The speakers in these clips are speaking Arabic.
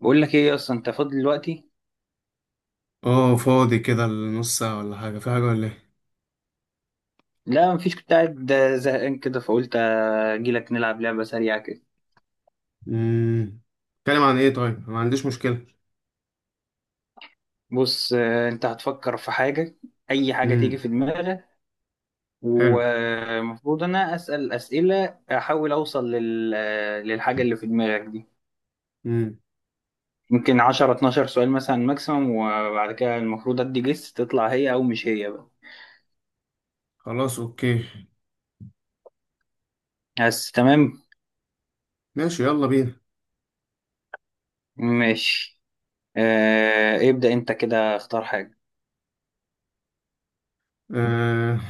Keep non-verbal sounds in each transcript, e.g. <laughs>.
بقول لك ايه اصلا؟ انت فاضي دلوقتي؟ اه، فاضي كده لنص ساعة ولا حاجة، في حاجة ولا ايه؟ لا مفيش، كنت قاعد زهقان كده فقلت اجي لك نلعب لعبه سريعه كده. امم. اتكلم عن ايه؟ طيب أنا ما عنديش مشكلة. بص، انت هتفكر في حاجه، اي حاجه تيجي امم. في دماغك. حلو. ومفروض انا اسال اسئله احاول اوصل لل... آه، للحاجه اللي في دماغك دي. امم. ممكن 10 12 سؤال مثلا ماكسيمم، وبعد كده المفروض ادي جس تطلع هي او مش هي بقى. خلاص اوكي. بس تمام. ماشي يلا بينا. ماشي، ابدأ انت كده، اختار حاجه. آه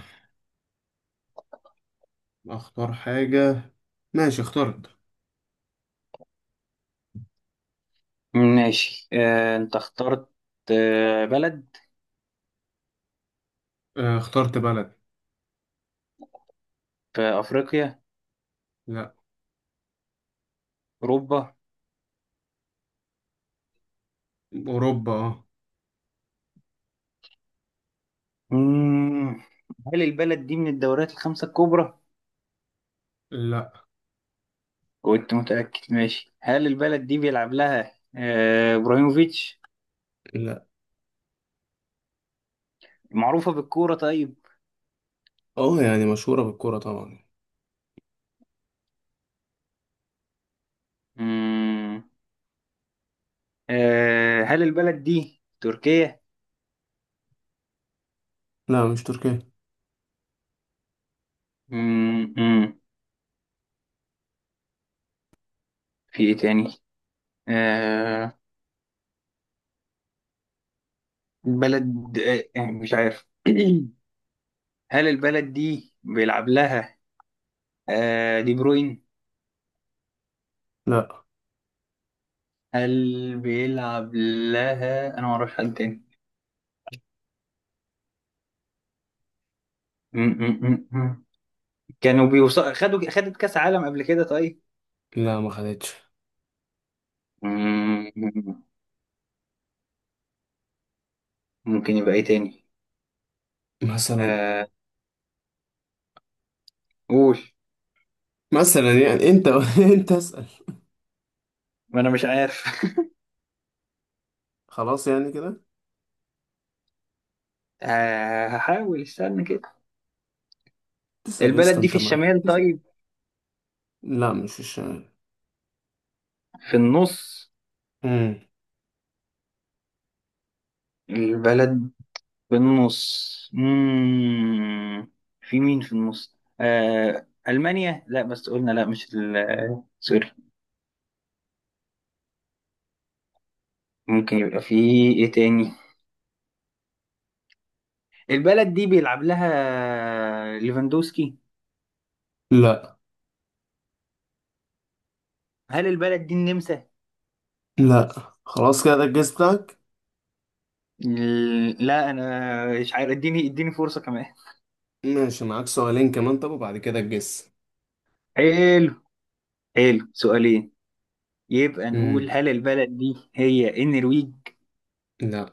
اختار حاجة. ماشي اخترت. ماشي، انت اخترت. بلد. اخترت بلد. في أفريقيا؟ لا. أوروبا؟ اوروبا اه. مم. هل البلد دي من الدوريات الخمسة الكبرى؟ لا. كنت متأكد. ماشي، هل البلد دي بيلعب لها إبراهيموفيتش؟ لا. معروفة بالكورة طيب؟ اه يعني مشهورة بالكرة طبعا. مم. هل البلد دي تركيا؟ لا مش تركيا. مم. مم. في إيه تاني؟ آه، بلد. مش عارف. <clears throat> هل البلد دي بيلعب لها دي بروين؟ لا. هل بيلعب لها؟ أنا معرفش حد تاني. م- م- م- م. كانوا بيوصلوا، خدت كاس عالم قبل كده طيب؟ لا ما خدتش. م- م- ممكن يبقى ايه تاني؟ مثلا. آه، قول. مثلا يعني انت <laughs> انت اسأل. ما انا مش عارف. <laughs> خلاص يعني كده. آه، هحاول استنى كده. تسأل يا اسطى، البلد دي انت في ما الشمال تسأل. طيب؟ لا مش في الشمال. في النص؟ البلد في النص. مم. في مين في النص؟ آه، ألمانيا. لا، بس قلنا لا. مش سوري. ممكن يبقى في ايه تاني؟ البلد دي بيلعب لها ليفاندوسكي؟ لا. هل البلد دي النمسا؟ لا. خلاص كده ده الجس بتاعك. إيه، لا انا مش عارف، اديني فرصة كمان. ماشي معاك سؤالين كمان، طب وبعد كده الجس. حلو. حلو، سؤالين. يبقى مم. نقول هل البلد دي هي النرويج؟ لا.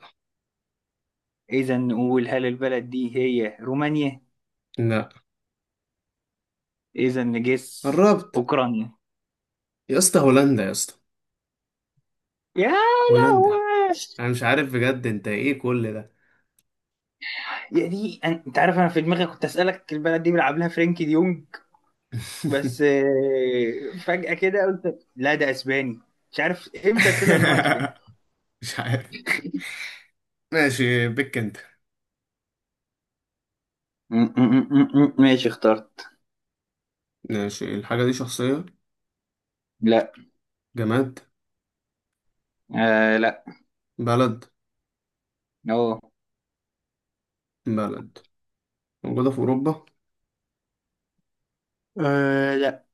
اذا نقول هل البلد دي هي رومانيا؟ لا. اذا نجس، قربت. اوكرانيا؟ يا اسطى هولندا يا اسطى يا لهوي. هولندا. انا مش عارف بجد، انت ايه كل ده؟ يا دي، انت عارف انا في دماغي كنت اسالك البلد دي بيلعب لها فرينكي ديونج. بس فجأة كده قلت لا، ده اسباني. مش عارف امتى طلع ان هو اسباني. <laughs> مش عارف. ماشي بك انت. ماشي، اخترت. ماشي الحاجة دي شخصية؟ لا. جماد؟ آه، لا. بلد؟ أوه. بلد موجودة في أوروبا؟ أه، لا.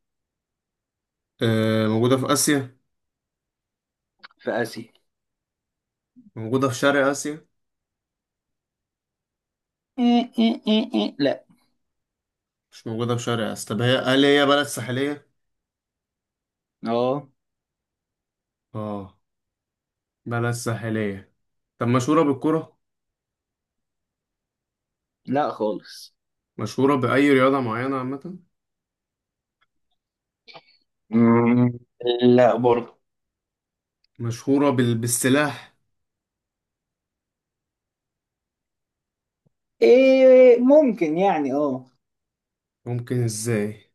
آه موجودة في آسيا. في آسيا. موجودة في شرق آسيا. إيه إيه إيه إيه. لا. مش موجودة في شرق آسيا. طب هي، هل هي بلد ساحلية؟ اه، اه. بلد ساحلية. طب مشهورة بالكرة؟ لا خالص. مشهورة بأي رياضة معينة عامة؟ مم، لا برضه. مشهورة بال... بالسلاح. إيه، ممكن يعني اه. ممكن ازاي؟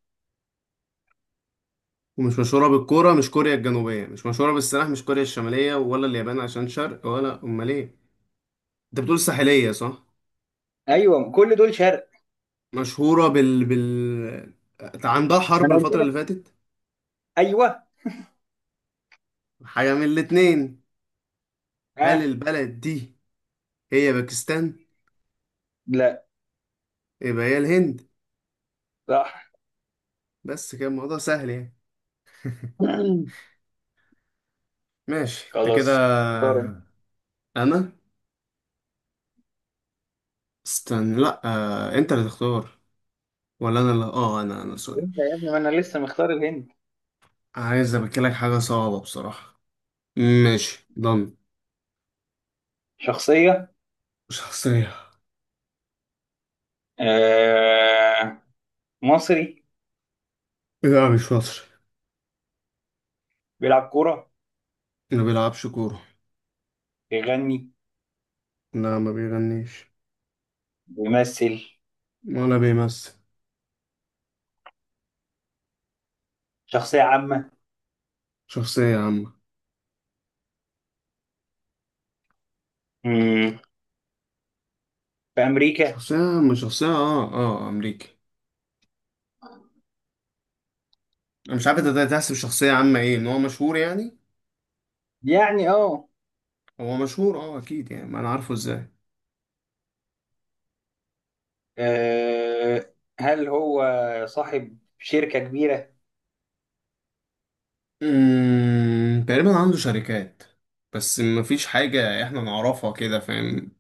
ومش مشهورة بالكرة، مش كوريا الجنوبية، مش مشهورة بالسلاح، مش كوريا الشمالية ولا اليابان عشان شرق، ولا أمال ايه؟ انت بتقول ساحلية، صح؟ ايوه، كل دول شرق. مشهورة بال بال، عندها ما حرب انا قلت الفترة اللي لك. فاتت. ايوه. حاجة من الاتنين. هل اه. البلد دي هي باكستان؟ لا. يبقى هي الهند. صح. بس كده الموضوع سهل يعني. <clears throat> ماشي انت كده. خلاص، اختار انت. آه، انا، استنى، لا، انت اللي تختار، ولا انا اللي اه، انا سوري. انت يا ابني، ما انا لسه مختار الهند. عايز ابكلك حاجة صعبة بصراحة. ماشي، ضمن. شخصية. شخصية. آه. مصري. لا مش مصري. بيلعب كورة. ما بيلعبش كورة. بيغني. لا ما بيغنيش. بيمثل. ولا بيمثل. شخصية عامة. شخصية عامة. مم. في امريكا. شخصية عامة. شخصية اه اه أمريكي. أنا مش عارف أنت ده تحسب شخصية عامة، إيه إن هو مشهور يعني؟ يعني اه. هو مشهور اه أكيد يعني، ما أنا عارفه إزاي. آه، هل هو صاحب شركة كبيرة؟ تقريبا عنده شركات. بس مفيش حاجة إحنا نعرفها كده، فاهم؟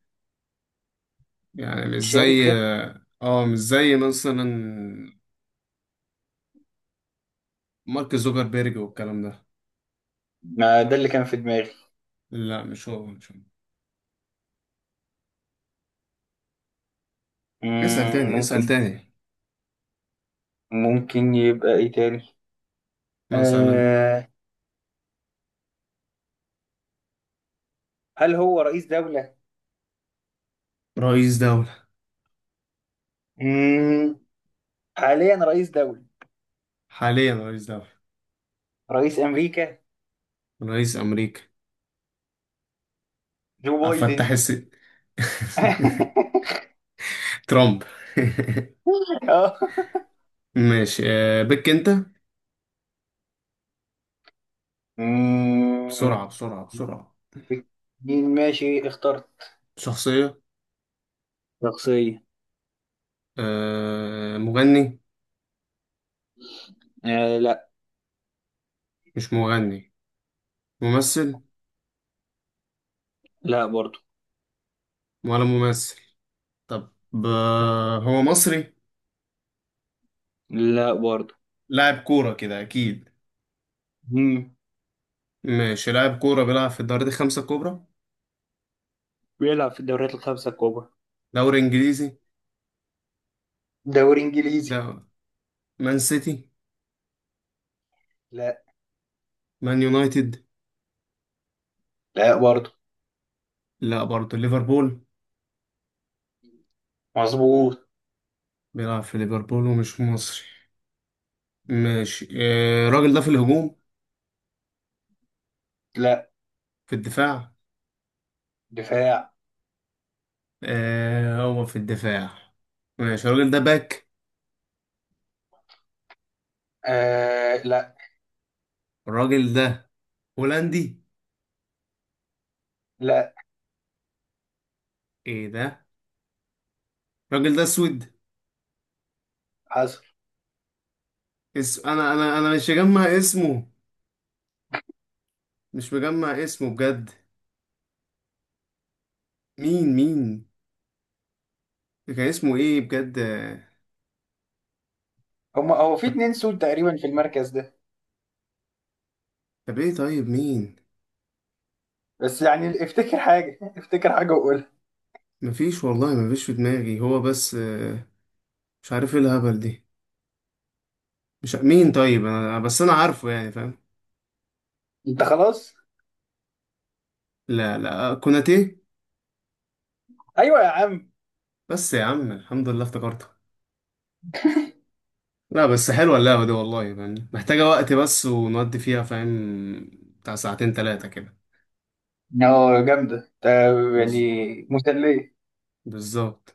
يعني مش زي، شركة؟ اه مش زي مثلا مارك زوكربيرج والكلام ده. ما ده اللي كان في دماغي. لا مش هو مش هو. اسأل مم، تاني اسأل ممكن. تاني. ممكن يبقى ايه تاني؟ مثلا. آه، هل هو رئيس دولة؟ رئيس دولة. مم. حاليا رئيس دولة. حاليا رئيس دولة. رئيس أمريكا. رئيس أمريكا. جو أفتح بايدن. الس <laughs> <laughs> ترامب. اه. <laughs> ماشي. بك أنت. مم. بسرعة بسرعة بسرعة. مين؟ ماشي، اخترت. شخصية. شخصية. مغني. آه، لا. مش مغني. ممثل. لا برضو. ولا ممثل. طب. هو مصري. لا برضو. لاعب كورة كده أكيد. مم. ماشي لاعب كورة بيلعب في الدوري دي خمسة كبرى. بيلعب في الدوريات الخمسة الكبرى. دوري إنجليزي. دوري انجليزي. ده مان سيتي. لا. مان يونايتد. لا برضه. لا برضه. ليفربول. مظبوط. بيلعب في ليفربول ومش مصري. ماشي. الراجل ده في الهجوم. لا. في الدفاع. دفاع. آه هو في الدفاع. ماشي الراجل ده باك. آه، لا. الراجل ده هولندي. لا. ايه ده؟ الراجل ده اسود. حصل. انا مش مجمع اسمه. مش مجمع اسمه بجد. مين مين؟ كان اسمه ايه بجد هما هو في طب. اتنين سود تقريبا في المركز ده. طب ايه طيب مين؟ بس يعني افتكر حاجة. <laughs> افتكر حاجة وقولها. مفيش والله، مفيش في دماغي هو، بس مش عارف ايه الهبل دي. مش ع- مين طيب؟ انا بس انا عارفه يعني، فاهم؟ انت خلاص. لا لا كوناتي. ايوه يا عم. بس يا عم الحمد لله افتكرتها. لا بس حلوه اللعبه دي والله، فاهم؟ محتاجه وقت بس ونودي فيها، فاهم؟ بتاع ساعتين ثلاثه كده. اه جامدة انت. يعني. بز... مسلية. بالظبط.